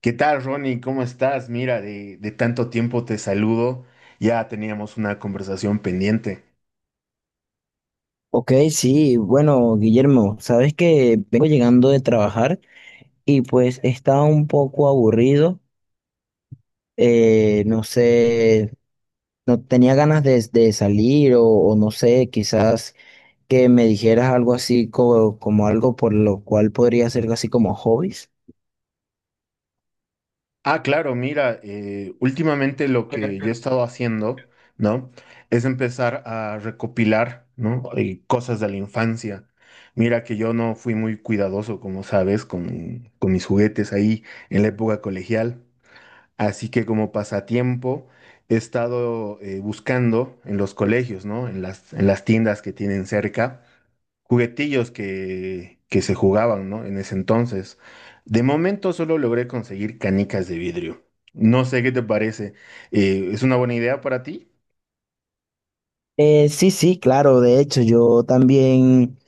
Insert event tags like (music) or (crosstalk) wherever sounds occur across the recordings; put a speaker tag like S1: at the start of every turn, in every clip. S1: ¿Qué tal, Ronnie? ¿Cómo estás? Mira, de tanto tiempo te saludo. Ya teníamos una conversación pendiente.
S2: Ok, sí, bueno, Guillermo, sabes que vengo llegando de trabajar y pues estaba un poco aburrido, no sé, no tenía ganas de salir o no sé, quizás que me dijeras algo así como algo por lo cual podría ser así como hobbies.
S1: Ah, claro, mira, últimamente lo que yo he estado haciendo, ¿no? Es empezar a recopilar, ¿no? Cosas de la infancia. Mira que yo no fui muy cuidadoso, como sabes, con mis juguetes ahí en la época colegial. Así que como pasatiempo he estado buscando en los colegios, ¿no? En las tiendas que tienen cerca juguetillos que se jugaban, ¿no? En ese entonces. De momento solo logré conseguir canicas de vidrio. No sé qué te parece. ¿Es una buena idea para ti?
S2: Sí, sí, claro, de hecho yo también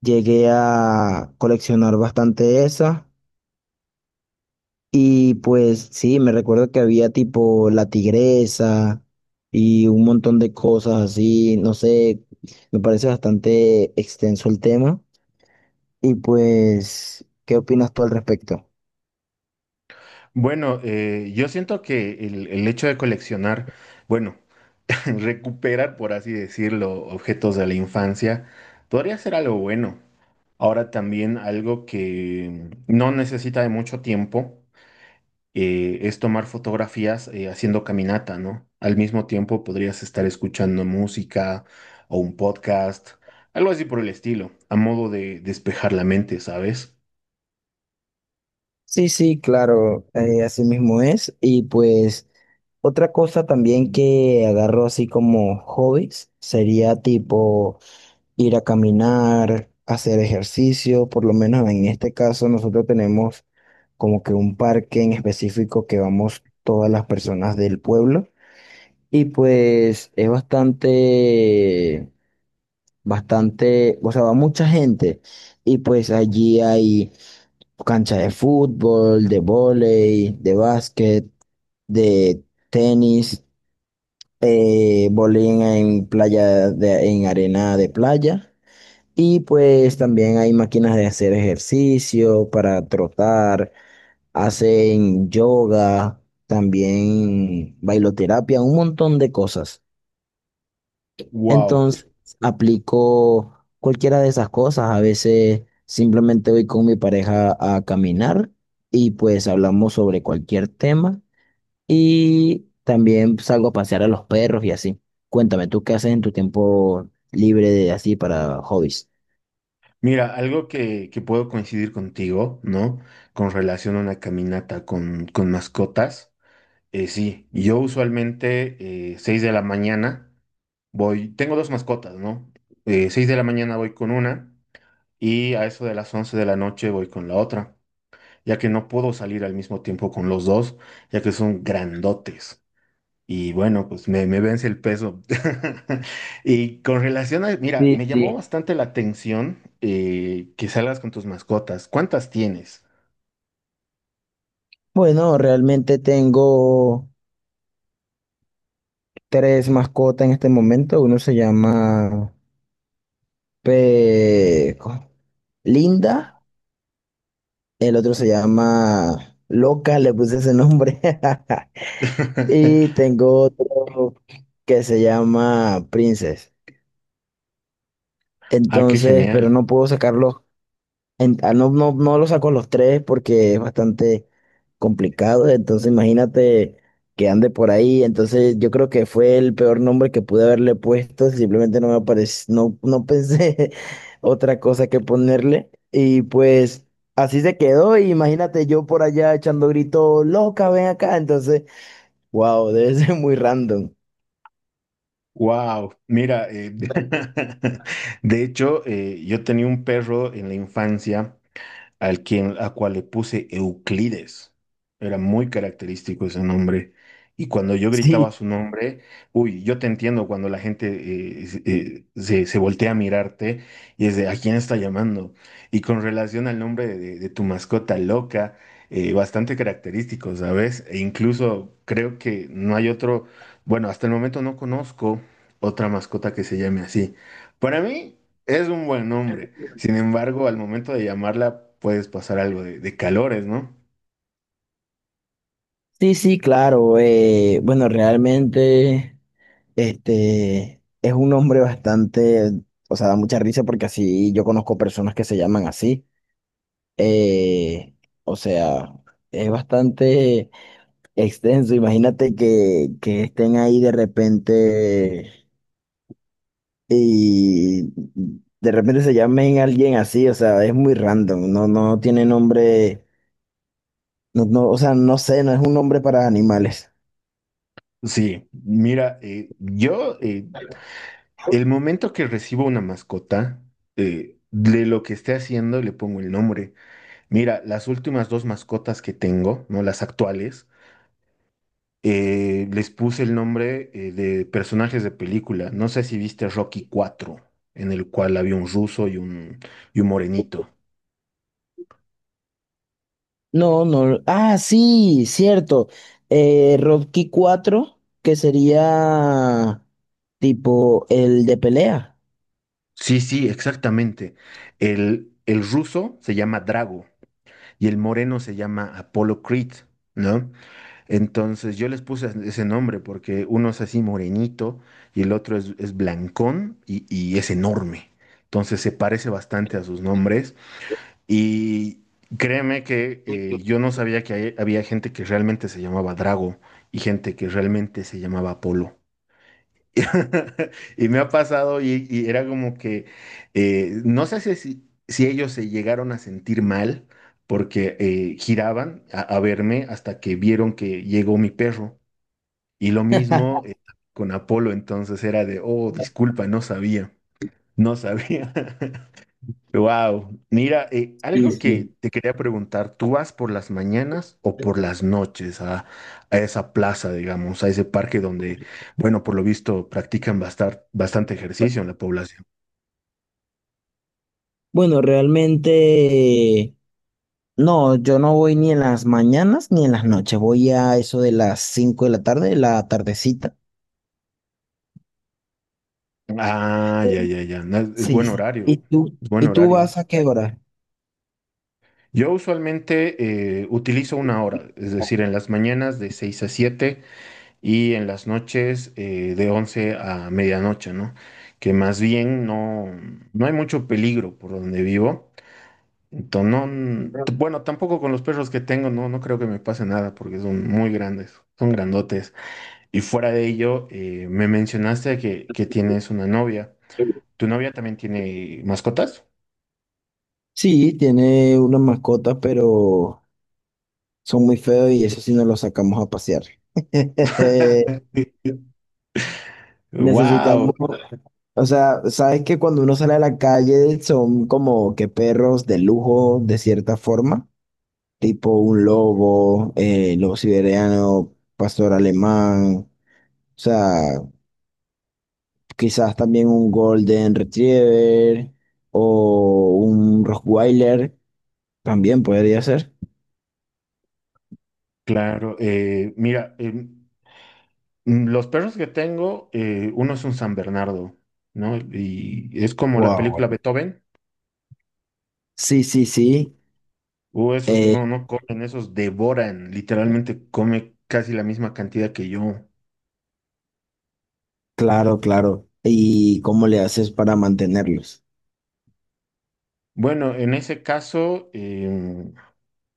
S2: llegué a coleccionar bastante esas. Y pues sí, me recuerdo que había tipo la tigresa y un montón de cosas así, no sé, me parece bastante extenso el tema. Y pues, ¿qué opinas tú al respecto?
S1: Bueno, yo siento que el hecho de coleccionar, bueno, (laughs) recuperar, por así decirlo, objetos de la infancia, podría ser algo bueno. Ahora también algo que no necesita de mucho tiempo es tomar fotografías haciendo caminata, ¿no? Al mismo tiempo podrías estar escuchando música o un podcast, algo así por el estilo, a modo de despejar la mente, ¿sabes?
S2: Sí, sí, claro, así mismo es. Y pues, otra cosa también que agarro así como hobbies sería tipo ir a caminar, hacer ejercicio, por lo menos en este caso nosotros tenemos como que un parque en específico que vamos todas las personas del pueblo y pues es bastante, bastante, o sea, va mucha gente y pues allí hay cancha de fútbol, de vóley, de básquet, de tenis, vóley en playa, en arena de playa. Y pues también hay máquinas de hacer ejercicio para trotar, hacen yoga, también bailoterapia, un montón de cosas.
S1: Wow.
S2: Entonces aplico cualquiera de esas cosas. A veces simplemente voy con mi pareja a caminar y pues hablamos sobre cualquier tema. Y también salgo a pasear a los perros y así. Cuéntame, ¿tú qué haces en tu tiempo libre de así para hobbies?
S1: Mira, algo que puedo coincidir contigo, ¿no? Con relación a una caminata con mascotas. Sí, yo usualmente 6 de la mañana voy, tengo dos mascotas, ¿no? 6 de la mañana voy con una y a eso de las 11 de la noche voy con la otra. Ya que no puedo salir al mismo tiempo con los dos, ya que son grandotes. Y bueno, pues me vence el peso. (laughs) Y con relación a, mira, me
S2: Sí,
S1: llamó
S2: sí.
S1: bastante la atención que salgas con tus mascotas. ¿Cuántas tienes?
S2: Bueno, realmente tengo tres mascotas en este momento. Uno se llama ¿cómo? Linda, el otro se llama Loca, le puse ese nombre. (laughs) Y
S1: (laughs)
S2: tengo otro que se llama Princess.
S1: Ah, qué
S2: Entonces, pero
S1: genial.
S2: no puedo sacarlos. Ah, no, no, no lo saco los tres porque es bastante complicado. Entonces, imagínate que ande por ahí. Entonces, yo creo que fue el peor nombre que pude haberle puesto. Simplemente no me apareció, no, no pensé (laughs) otra cosa que ponerle. Y pues así se quedó. Y imagínate yo por allá echando grito, loca, ven acá. Entonces, wow, (laughs) debe ser muy random.
S1: Wow, mira, (laughs) de hecho, yo tenía un perro en la infancia al quien, a cual le puse Euclides. Era muy característico ese nombre. Y cuando yo gritaba
S2: Sí,
S1: su nombre, uy, yo te entiendo cuando la gente se voltea a mirarte y es de, ¿a quién está llamando? Y con relación al nombre tu mascota loca, bastante característico, ¿sabes? E incluso creo que no hay otro, bueno, hasta el momento no conozco otra mascota que se llame así. Para mí es un buen nombre. Sin embargo, al momento de llamarla puedes pasar algo de calores, ¿no?
S2: sí, sí, claro. Bueno, realmente. Este es un nombre bastante, o sea, da mucha risa porque así yo conozco personas que se llaman así. Eh, o sea, es bastante extenso. Imagínate que estén ahí de repente y de repente se llamen alguien así, o sea, es muy random. No, no tiene nombre, no, no, o sea, no sé, no es un nombre para animales.
S1: Sí, mira, yo el momento que recibo una mascota, de lo que esté haciendo le pongo el nombre. Mira, las últimas dos mascotas que tengo, ¿no? Las actuales, les puse el nombre de personajes de película. No sé si viste Rocky 4, en el cual había un ruso y un morenito.
S2: No, no. Ah, sí, cierto. Rocky IV, que sería tipo el de pelea.
S1: Sí, sí, exactamente. El ruso se llama Drago y el moreno se llama Apollo Creed, ¿no? Entonces yo les puse ese nombre porque uno es así morenito y el otro es blancón y es enorme. Entonces se parece bastante a sus nombres y créeme que yo no sabía que había gente que realmente se llamaba Drago y gente que realmente se llamaba Apolo. (laughs) Y me ha pasado y era como que, no sé si ellos se llegaron a sentir mal porque giraban a verme hasta que vieron que llegó mi perro. Y lo mismo con Apolo, entonces era de, oh, disculpa, no sabía, no sabía. (laughs) Wow, mira,
S2: Sí,
S1: algo
S2: sí.
S1: que te quería preguntar, ¿tú vas por las mañanas o por las noches a esa plaza, digamos, a ese parque donde, bueno, por lo visto practican bastante ejercicio en la población?
S2: Bueno, realmente no, yo no voy ni en las mañanas ni en las noches, voy a eso de las 5 de la tarde, la tardecita.
S1: Ah, ya, ya, ya, no, es
S2: Sí,
S1: buen
S2: sí. ¿Y
S1: horario,
S2: tú?
S1: es buen
S2: ¿Y tú
S1: horario.
S2: vas a qué hora?
S1: Yo usualmente utilizo una hora, es decir, en las mañanas de 6 a 7 y en las noches de 11 a medianoche, ¿no? Que más bien no, no hay mucho peligro por donde vivo. Bueno, tampoco con los perros que tengo, no, no creo que me pase nada porque son muy grandes, son grandotes. Y fuera de ello, me mencionaste que tienes una novia. ¿Tu novia también tiene mascotas?
S2: Sí, tiene unas mascotas, pero son muy feos y eso sí no los sacamos a pasear. (laughs)
S1: (laughs) Wow,
S2: Necesitamos, o sea, sabes que cuando uno sale a la calle son como que perros de lujo de cierta forma, tipo un lobo, lobo siberiano, pastor alemán, o sea, quizás también un golden retriever o un rottweiler, también podría ser.
S1: claro. Mira, los perros que tengo, uno es un San Bernardo, ¿no? Y es como la
S2: Wow.
S1: película Beethoven.
S2: Sí, sí, sí,
S1: Esos no,
S2: eh,
S1: no comen, esos devoran, literalmente come casi la misma cantidad que yo.
S2: claro, claro. ¿Y cómo le haces para mantenerlos?
S1: Bueno, en ese caso,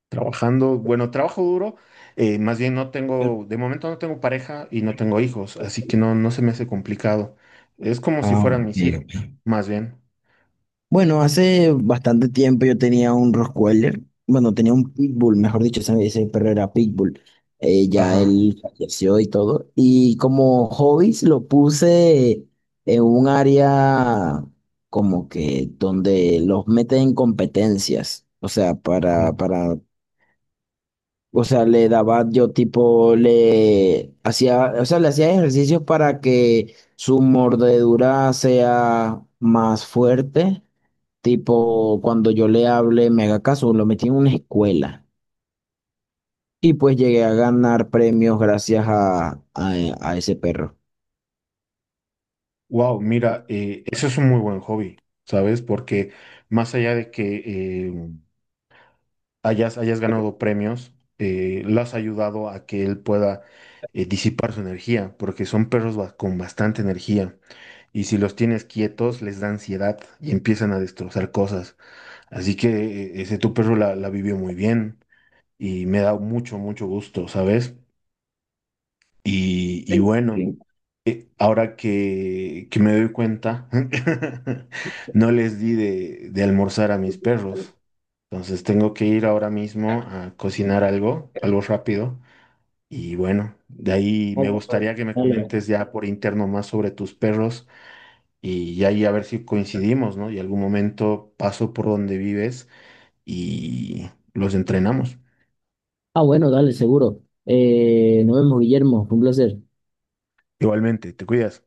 S1: trabajando, bueno, trabajo duro, más bien no tengo, de momento no tengo pareja y no tengo hijos, así que no, no se me hace complicado. Es como si
S2: Ah,
S1: fueran
S2: ok,
S1: mis hijos,
S2: ok.
S1: más bien.
S2: Bueno, hace bastante tiempo yo tenía un Rottweiler, bueno, tenía un Pitbull, mejor dicho, ese perro era Pitbull. Ya
S1: Ajá.
S2: él falleció y todo. Y como hobbies lo puse en un área como que donde los meten en competencias. O sea, para, o sea, le daba yo tipo, le hacía, o sea, le hacía ejercicios para que su mordedura sea más fuerte. Tipo, cuando yo le hablé, me haga caso, lo metí en una escuela. Y pues llegué a ganar premios gracias a ese perro.
S1: Wow, mira, eso es un muy buen hobby, ¿sabes? Porque más allá de que eh, hayas ganado premios, lo has ayudado a que él pueda disipar su energía, porque son perros con bastante energía. Y si los tienes quietos, les da ansiedad y empiezan a destrozar cosas. Así que ese tu perro la vivió muy bien y me da mucho, mucho gusto, ¿sabes? Y bueno,
S2: Sí.
S1: ahora que me doy cuenta, (laughs) no les di de almorzar a mis perros. Entonces tengo que ir ahora mismo a cocinar algo, algo rápido. Y bueno, de ahí me gustaría que me comentes ya por interno más sobre tus perros y ahí a ver si coincidimos, ¿no? Y algún momento paso por donde vives y los entrenamos.
S2: Ah, bueno, dale, seguro. Nos vemos, Guillermo. Fue un placer.
S1: Igualmente, te cuidas.